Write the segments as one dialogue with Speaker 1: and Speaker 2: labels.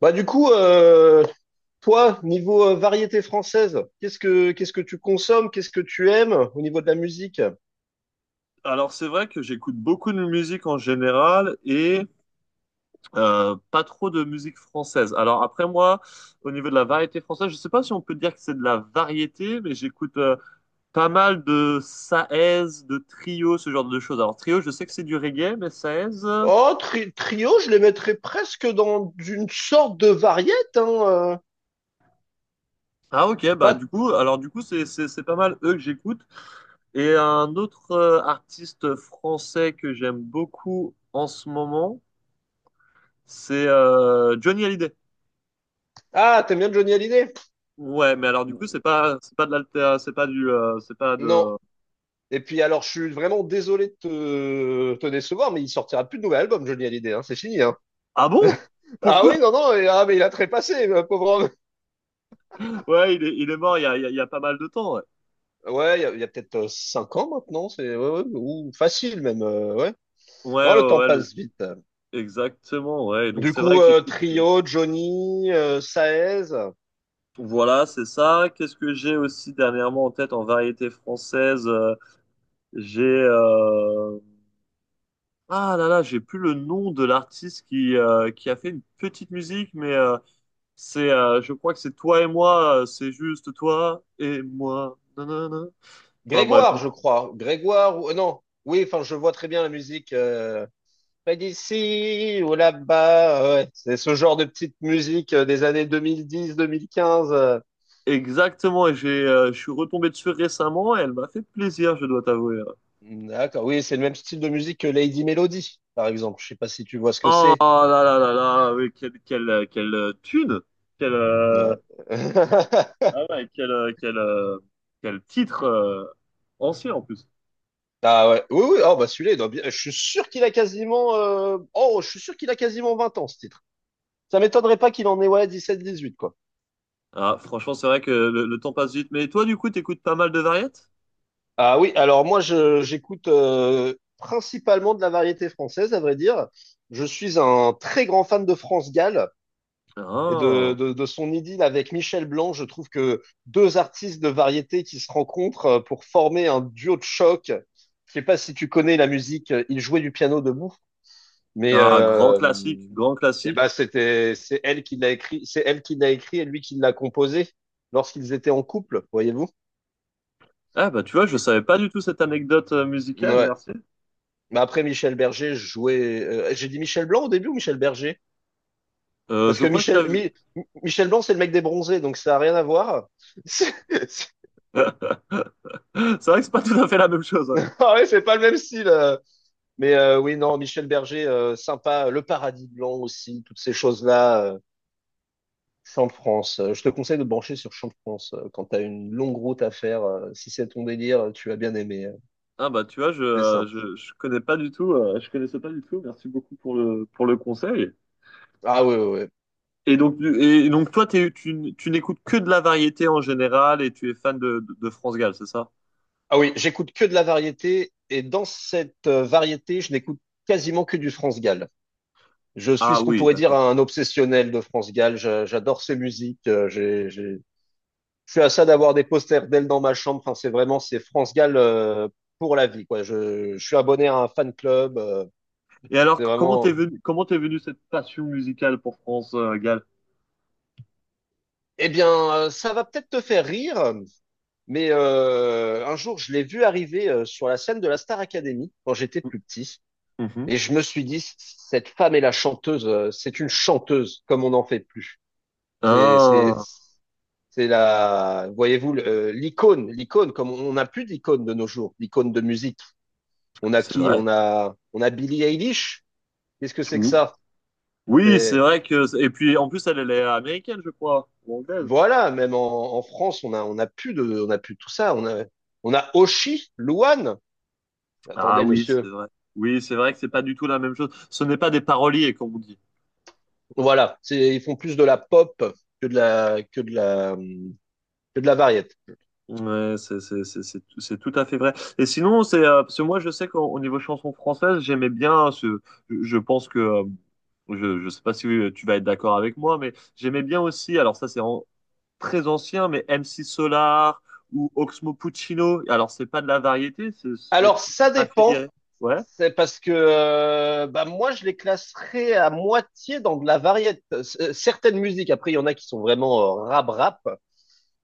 Speaker 1: Bah du coup, euh, Toi, niveau variété française, qu'est-ce que tu consommes, qu'est-ce que tu aimes au niveau de la musique?
Speaker 2: Alors c'est vrai que j'écoute beaucoup de musique en général et pas trop de musique française. Alors après moi, au niveau de la variété française, je sais pas si on peut dire que c'est de la variété, mais j'écoute pas mal de Saez, de Trio, ce genre de choses. Alors Trio, je sais que c'est du reggae, mais Saez,
Speaker 1: Oh, trio, je les mettrais presque dans une sorte de variété, hein.
Speaker 2: ah ok, bah
Speaker 1: Pas...
Speaker 2: du coup, alors du coup c'est pas mal eux que j'écoute. Et un autre artiste français que j'aime beaucoup en ce moment, c'est Johnny Hallyday.
Speaker 1: Ah, t'aimes bien Johnny Hallyday?
Speaker 2: Ouais, mais alors du coup, c'est pas de l'alter, c'est pas du, c'est pas
Speaker 1: Non.
Speaker 2: de.
Speaker 1: Et puis alors, je suis vraiment désolé de te décevoir, mais il sortira plus de nouvel album, Johnny Hallyday, hein, c'est fini, hein.
Speaker 2: Ah bon?
Speaker 1: Ah
Speaker 2: Pourquoi?
Speaker 1: oui, non, non, mais il a trépassé, le pauvre homme.
Speaker 2: Ouais, il est mort il y a, il y a pas mal de temps. Ouais,
Speaker 1: Ouais, il y a peut-être 5 ans maintenant, c'est ouais, ouais, ou facile même, ouais.
Speaker 2: ouais,
Speaker 1: Non, le
Speaker 2: ouais,
Speaker 1: temps
Speaker 2: ouais,
Speaker 1: passe vite.
Speaker 2: exactement. Ouais, et donc
Speaker 1: Du
Speaker 2: c'est vrai
Speaker 1: coup,
Speaker 2: que j'écoute.
Speaker 1: Trio, Johnny, Saez,
Speaker 2: Voilà, c'est ça. Qu'est-ce que j'ai aussi dernièrement en tête en variété française? J'ai, ah là là, j'ai plus le nom de l'artiste qui a fait une petite musique, mais c'est, je crois que c'est toi et moi, c'est juste toi et moi. Nanana. Enfin bref.
Speaker 1: Grégoire, je crois. Grégoire, ou... non, oui, enfin, je vois très bien la musique, pas d'ici ou là-bas. Ouais. C'est ce genre de petite musique des années 2010-2015.
Speaker 2: Exactement, et j'ai, je suis retombé dessus récemment et elle m'a fait plaisir, je dois t'avouer.
Speaker 1: D'accord, oui, c'est le même style de musique que Lady Melody, par exemple. Je sais pas si tu vois ce que
Speaker 2: Oh
Speaker 1: c'est.
Speaker 2: là là là là, oui, quelle, quelle, quelle thune, quelle,
Speaker 1: Ouais.
Speaker 2: ah ouais, quel, quel, quel titre ancien en plus.
Speaker 1: Ah ouais, oui, oui, oh, bah celui-là, il doit bien- je suis sûr qu'il a je suis sûr qu'il a quasiment 20 ans, ce titre. Ça m'étonnerait pas qu'il en ait, ouais, 17-18, quoi.
Speaker 2: Ah, franchement, c'est vrai que le temps passe vite. Mais toi, du coup, t'écoutes pas mal de variétés?
Speaker 1: Ah oui, alors j'écoute principalement de la variété française, à vrai dire. Je suis un très grand fan de France Gall et
Speaker 2: Ah,
Speaker 1: de son idylle avec Michel Blanc. Je trouve que deux artistes de variété qui se rencontrent pour former un duo de choc. Je sais pas si tu connais la musique, il jouait du piano debout, mais
Speaker 2: ah, grand classique, grand
Speaker 1: eh ben
Speaker 2: classique.
Speaker 1: c'est elle qui l'a écrit, c'est elle qui l'a écrit et lui qui l'a composé lorsqu'ils étaient en couple, voyez-vous.
Speaker 2: Ah bah tu vois, je
Speaker 1: Et-
Speaker 2: savais pas du tout cette anecdote musicale,
Speaker 1: Ouais.
Speaker 2: merci.
Speaker 1: Mais après, Michel Berger jouait. J'ai dit Michel Blanc au début ou Michel Berger? Parce
Speaker 2: Je
Speaker 1: que
Speaker 2: crois que t'as vu.
Speaker 1: Michel Blanc, c'est le mec des bronzés, donc ça n'a rien à voir. C'est, c'est-
Speaker 2: C'est vrai que c'est pas tout à fait la même chose. Ouais.
Speaker 1: Ah ouais, c'est pas le même style. Mais oui, non, Michel Berger, sympa. Le paradis blanc aussi, toutes ces choses-là. Champ de France. Je te conseille de te brancher sur Champ de France quand tu as une longue route à faire. Si c'est ton délire, tu vas bien aimer.
Speaker 2: Ah bah tu vois,
Speaker 1: C'est simple.
Speaker 2: je connais pas du tout, je connaissais pas du tout. Merci beaucoup pour le conseil.
Speaker 1: Ah oui, oui, oui.
Speaker 2: Et donc, et donc toi, tu, tu n'écoutes que de la variété en général et tu es fan de France Gall, c'est ça?
Speaker 1: Ah oui, j'écoute que de la variété. Et dans cette variété, je n'écoute quasiment que du France Gall. Je suis
Speaker 2: Ah
Speaker 1: ce qu'on
Speaker 2: oui,
Speaker 1: pourrait dire
Speaker 2: d'accord.
Speaker 1: un obsessionnel de France Gall. J'adore ses musiques. Je suis à ça d'avoir des posters d'elle dans ma chambre. Enfin, c'est vraiment c'est France Gall pour la vie, quoi. Je suis abonné à un fan club.
Speaker 2: Et alors,
Speaker 1: C'est vraiment.
Speaker 2: comment t'es venu cette passion musicale pour France Gall?
Speaker 1: Eh bien, ça va peut-être te faire rire, mais un jour, je l'ai vu arriver sur la scène de la Star Academy quand j'étais plus petit,
Speaker 2: Mhm.
Speaker 1: et je me suis dit, cette femme est la chanteuse. C'est une chanteuse, comme on n'en fait plus. C'est, c'est,
Speaker 2: Ah,
Speaker 1: C'est la, voyez-vous, l'icône, comme on n'a plus d'icône de nos jours, l'icône de musique. On a
Speaker 2: c'est
Speaker 1: qui?
Speaker 2: vrai.
Speaker 1: On a Billie Eilish. Qu'est-ce que c'est que
Speaker 2: Mhm.
Speaker 1: ça?
Speaker 2: Oui, c'est
Speaker 1: C'est-
Speaker 2: vrai que. Et puis, en plus, elle, elle est américaine, je crois, ou anglaise.
Speaker 1: Voilà, même en France, on a plus de, on a plus de tout ça. On a Oshi, Louane.
Speaker 2: Ah
Speaker 1: Attendez,
Speaker 2: oui, c'est
Speaker 1: monsieur.
Speaker 2: vrai. Oui, c'est vrai que c'est pas du tout la même chose. Ce n'est pas des paroliers, comme on dit.
Speaker 1: Voilà, c'est, ils font plus de la pop que de la variété.
Speaker 2: Ouais, c'est tout à fait vrai. Et sinon, c'est parce que moi, je sais qu'au au niveau chanson française, j'aimais bien ce. Je pense que je sais pas si tu vas être d'accord avec moi, mais j'aimais bien aussi. Alors ça, très ancien, mais MC Solar ou Oxmo Puccino. Alors c'est pas de la variété, ce serait
Speaker 1: Alors,
Speaker 2: plus
Speaker 1: ça dépend.
Speaker 2: affilié. Ouais.
Speaker 1: C'est parce que bah moi, je les classerais à moitié dans de la variété. Certaines musiques, après, il y en a qui sont vraiment rap-rap,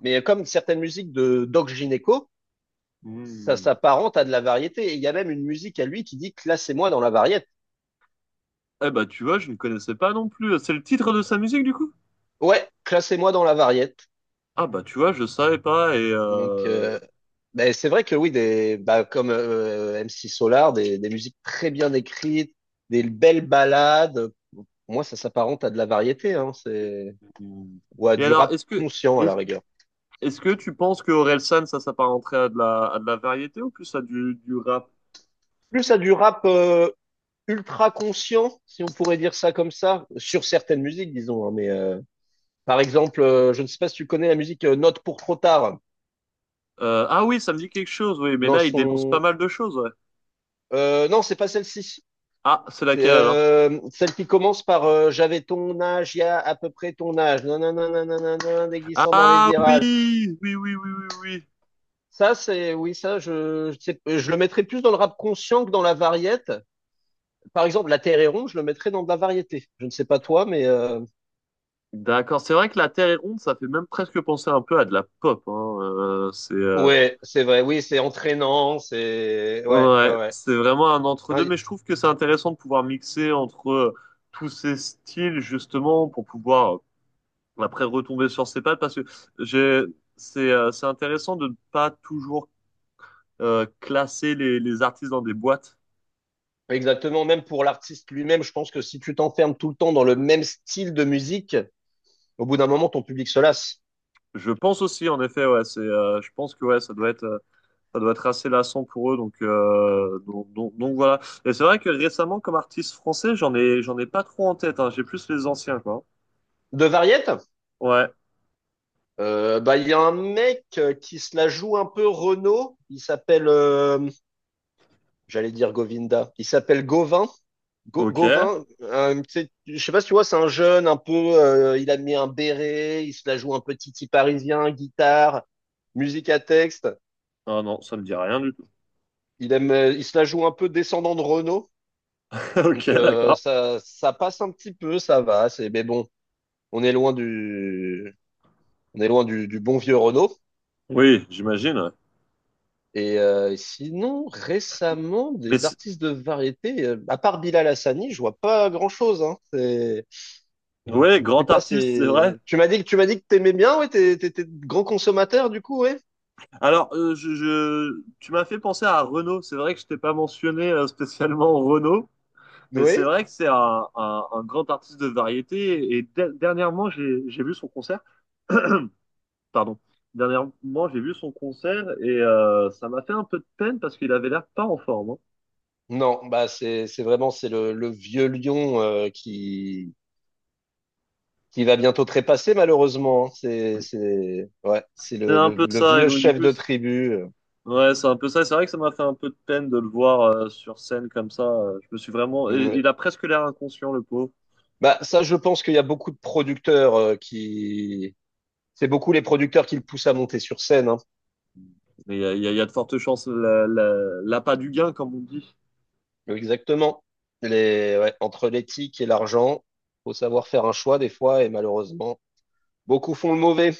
Speaker 1: mais comme certaines musiques de Doc Gineco, ça
Speaker 2: Hmm.
Speaker 1: s'apparente à de la variété. Et il y a même une musique à lui qui dit classez-moi dans la variété.
Speaker 2: Eh bah tu vois, je ne connaissais pas non plus. C'est le titre de sa musique du coup?
Speaker 1: Ouais, classez-moi dans la variété.
Speaker 2: Ah bah tu vois, je savais pas et.
Speaker 1: Donc, c'est vrai que oui, des, bah, comme MC Solar, des musiques très bien écrites, des belles ballades. Pour moi, ça s'apparente à de la variété. Hein, c'est...
Speaker 2: Hmm.
Speaker 1: ou à
Speaker 2: Et
Speaker 1: du
Speaker 2: alors,
Speaker 1: rap conscient à la rigueur.
Speaker 2: est-ce que tu penses que Orelsan, ça s'apparenterait à de la variété ou plus à du rap?
Speaker 1: Plus à du rap ultra conscient, si on pourrait dire ça comme ça, sur certaines musiques, disons, hein, mais par exemple, je ne sais pas si tu connais la musique Note pour trop tard.
Speaker 2: Ah oui, ça me dit quelque chose, oui, mais
Speaker 1: Dans
Speaker 2: là, il dénonce pas
Speaker 1: son,
Speaker 2: mal de choses, ouais.
Speaker 1: non, c'est pas celle-ci.
Speaker 2: Ah, c'est
Speaker 1: C'est
Speaker 2: laquelle alors?
Speaker 1: celle qui commence par j'avais ton âge, il y a à peu près ton âge. Non, non, non, non, non, non, non, déglissant dans les
Speaker 2: Ah oui,
Speaker 1: virages.
Speaker 2: oui, oui, oui, oui, oui.
Speaker 1: Ça, c'est oui, je le mettrais plus dans le rap conscient que dans la variété. Par exemple, La Terre est ronde, je le mettrais dans de la variété. Je ne sais pas toi, mais
Speaker 2: D'accord, c'est vrai que la Terre est ronde, ça fait même presque penser un peu à de la pop, hein. C'est
Speaker 1: ouais, c'est vrai. Oui, c'est entraînant, c'est ouais, ouais,
Speaker 2: ouais,
Speaker 1: ouais.
Speaker 2: c'est vraiment un
Speaker 1: Ah,
Speaker 2: entre-deux,
Speaker 1: y-
Speaker 2: mais je trouve que c'est intéressant de pouvoir mixer entre tous ces styles justement pour pouvoir après retomber sur ses pattes, parce que j'ai c'est intéressant de ne pas toujours classer les artistes dans des boîtes.
Speaker 1: Exactement. Même pour l'artiste lui-même, je pense que si tu t'enfermes tout le temps dans le même style de musique, au bout d'un moment, ton public se lasse.
Speaker 2: Je pense aussi, en effet, ouais, c'est, je pense que ouais, ça doit être assez lassant pour eux, donc voilà. Et c'est vrai que récemment, comme artiste français, j'en ai pas trop en tête, hein. J'ai plus les anciens, quoi.
Speaker 1: De variette,
Speaker 2: Ouais,
Speaker 1: bah il y a un mec qui se la joue un peu Renaud. Il s'appelle, j'allais dire Govinda. Il s'appelle Gauvin.
Speaker 2: ok.
Speaker 1: Gauvin, je sais pas si tu vois, c'est un jeune un peu. Il a mis un béret, il se la joue un peu titi parisien, guitare, musique à texte.
Speaker 2: Ah non, ça me dit rien du tout.
Speaker 1: Il aime, il se la joue un peu descendant de Renault.
Speaker 2: Ok,
Speaker 1: Donc
Speaker 2: d'accord.
Speaker 1: ça, ça passe un petit peu, ça va. C'est, mais bon, on est loin on est loin du bon vieux Renault.
Speaker 2: Oui, j'imagine. Ouais.
Speaker 1: Et sinon, récemment,
Speaker 2: Mais
Speaker 1: des
Speaker 2: c'est-
Speaker 1: artistes de variété, à part Bilal Hassani, je vois pas grand-chose. Hein. C'est,
Speaker 2: ouais,
Speaker 1: je sais
Speaker 2: grand
Speaker 1: pas,
Speaker 2: artiste, c'est vrai.
Speaker 1: c'est. Tu m'as dit que t'aimais bien, ouais, t'es grand consommateur du coup, ouais.
Speaker 2: Alors, je, tu m'as fait penser à Renaud. C'est vrai que je t'ai pas mentionné spécialement Renaud. Mais c'est
Speaker 1: Oui.
Speaker 2: vrai que c'est un, un grand artiste de variété. Et dernièrement, j'ai vu son concert. Pardon. Dernièrement, j'ai vu son concert et ça m'a fait un peu de peine parce qu'il avait l'air pas en forme, hein.
Speaker 1: Non, bah c'est vraiment c'est le vieux lion qui va bientôt trépasser malheureusement, hein. C'est ouais, c'est
Speaker 2: C'était un peu
Speaker 1: le
Speaker 2: ça. Et
Speaker 1: vieux
Speaker 2: donc, du
Speaker 1: chef
Speaker 2: coup,
Speaker 1: de tribu.
Speaker 2: ouais, c'est un peu ça. C'est vrai que ça m'a fait un peu de peine de le voir sur scène comme ça. Je me suis vraiment.
Speaker 1: Ouais.
Speaker 2: Il a presque l'air inconscient, le pauvre.
Speaker 1: Bah ça, je pense qu'il y a beaucoup de producteurs qui, c'est beaucoup les producteurs qui le poussent à monter sur scène, hein.
Speaker 2: Mais il y a, il y a de fortes chances. La, l'appât du gain, comme on dit.
Speaker 1: Exactement. Les ouais, entre l'éthique et l'argent, faut savoir faire un choix des fois et malheureusement beaucoup font le mauvais.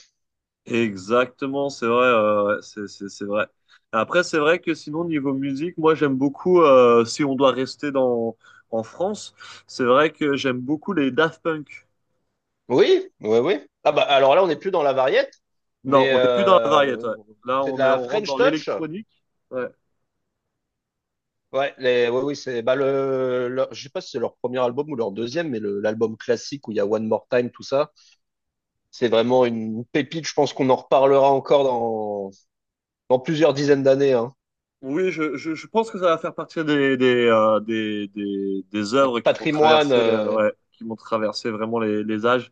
Speaker 2: Exactement, c'est vrai, ouais, ouais, c'est vrai. Après, c'est vrai que sinon, niveau musique, moi j'aime beaucoup, si on doit rester dans, en France, c'est vrai que j'aime beaucoup les Daft Punk.
Speaker 1: Oui, oui, oui. Ah bah alors là, on n'est plus dans la variette,
Speaker 2: Non,
Speaker 1: mais
Speaker 2: on n'est plus dans la variété, ouais. Là,
Speaker 1: c'est de
Speaker 2: on est,
Speaker 1: la
Speaker 2: on rentre
Speaker 1: French
Speaker 2: dans
Speaker 1: touch.
Speaker 2: l'électronique. Ouais.
Speaker 1: Ouais, les, ouais, oui, c'est, bah je sais pas si c'est leur premier album ou leur deuxième, mais l'album classique où il y a One More Time, tout ça, c'est vraiment une pépite. Je pense qu'on en reparlera encore dans plusieurs dizaines d'années, hein.
Speaker 2: Oui, je pense que ça va faire partie des
Speaker 1: Un
Speaker 2: œuvres qui vont
Speaker 1: patrimoine,
Speaker 2: traverser, ouais, qui vont traverser vraiment les âges.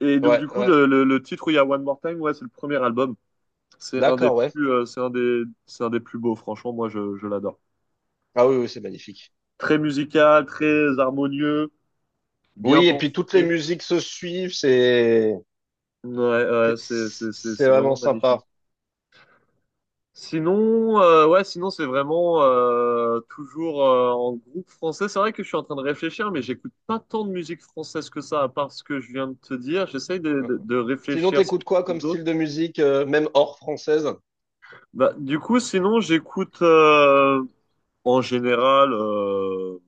Speaker 2: Et donc,
Speaker 1: ouais,
Speaker 2: du coup,
Speaker 1: ouais,
Speaker 2: le titre où il y a One More Time, ouais, c'est le premier album. C'est un des
Speaker 1: d'accord, ouais.
Speaker 2: plus, c'est un des plus beaux, franchement, moi je l'adore.
Speaker 1: Ah oui, oui, c'est magnifique.
Speaker 2: Très musical, très harmonieux, bien
Speaker 1: Oui, et
Speaker 2: pensé.
Speaker 1: puis toutes les musiques se suivent,
Speaker 2: Ouais, ouais,
Speaker 1: c'est c'est
Speaker 2: c'est
Speaker 1: vraiment
Speaker 2: vraiment magnifique.
Speaker 1: sympa.
Speaker 2: Sinon, ouais, sinon c'est vraiment toujours en groupe français. C'est vrai que je suis en train de réfléchir, mais j'écoute pas tant de musique française que ça, à part ce que je viens de te dire. J'essaye
Speaker 1: Euh,
Speaker 2: de
Speaker 1: Sinon,
Speaker 2: réfléchir si
Speaker 1: t'écoutes
Speaker 2: j'en
Speaker 1: quoi
Speaker 2: trouve
Speaker 1: comme
Speaker 2: d'autres.
Speaker 1: style de musique, même hors française?
Speaker 2: Bah, du coup, sinon j'écoute en général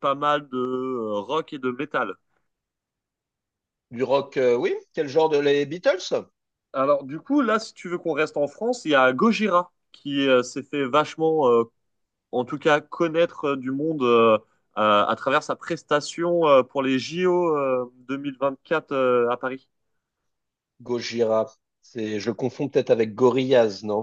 Speaker 2: pas mal de rock et de métal.
Speaker 1: Du rock, oui? Quel genre de les Beatles?
Speaker 2: Alors, du coup, là, si tu veux qu'on reste en France, il y a Gojira qui s'est fait vachement, en tout cas, connaître du monde à travers sa prestation pour les JO 2024 à Paris.
Speaker 1: Gojira. C'est, je le confonds peut-être avec Gorillaz, non?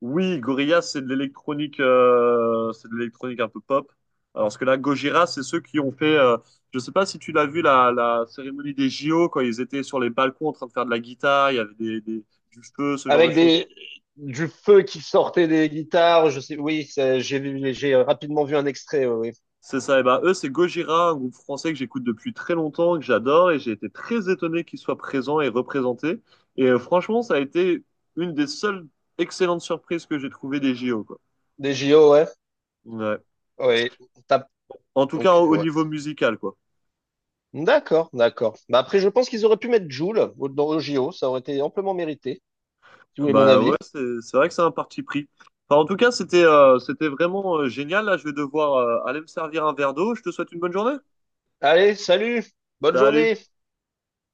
Speaker 2: Oui, Gorillaz, c'est de l'électronique un peu pop. Alors ce que là, Gojira, c'est ceux qui ont fait. Je sais pas si tu l'as vu la, la cérémonie des JO quand ils étaient sur les balcons en train de faire de la guitare, il y avait des, du feu, ce genre de
Speaker 1: Avec
Speaker 2: choses.
Speaker 1: des, du feu qui sortait des guitares, je sais, oui, j'ai rapidement vu un extrait, oui. Oui.
Speaker 2: C'est ça, et ben eux, c'est Gojira, un groupe français que j'écoute depuis très longtemps, que j'adore, et j'ai été très étonné qu'ils soient présents et représentés. Et franchement, ça a été une des seules excellentes surprises que j'ai trouvées des JO, quoi.
Speaker 1: Des JO, ouais.
Speaker 2: Ouais.
Speaker 1: Oui, T'as-
Speaker 2: En tout cas,
Speaker 1: donc,
Speaker 2: au au
Speaker 1: ouais.
Speaker 2: niveau musical, quoi.
Speaker 1: D'accord, d'accord. Bah après, je pense qu'ils auraient pu mettre Joule dans le JO, ça aurait été amplement mérité, si vous voulez mon
Speaker 2: Bah ouais,
Speaker 1: avis.
Speaker 2: c'est vrai que c'est un parti pris. Enfin, en tout cas, c'était c'était vraiment génial. Là, je vais devoir aller me servir un verre d'eau. Je te souhaite une bonne journée.
Speaker 1: Allez, salut, bonne
Speaker 2: Salut!
Speaker 1: journée.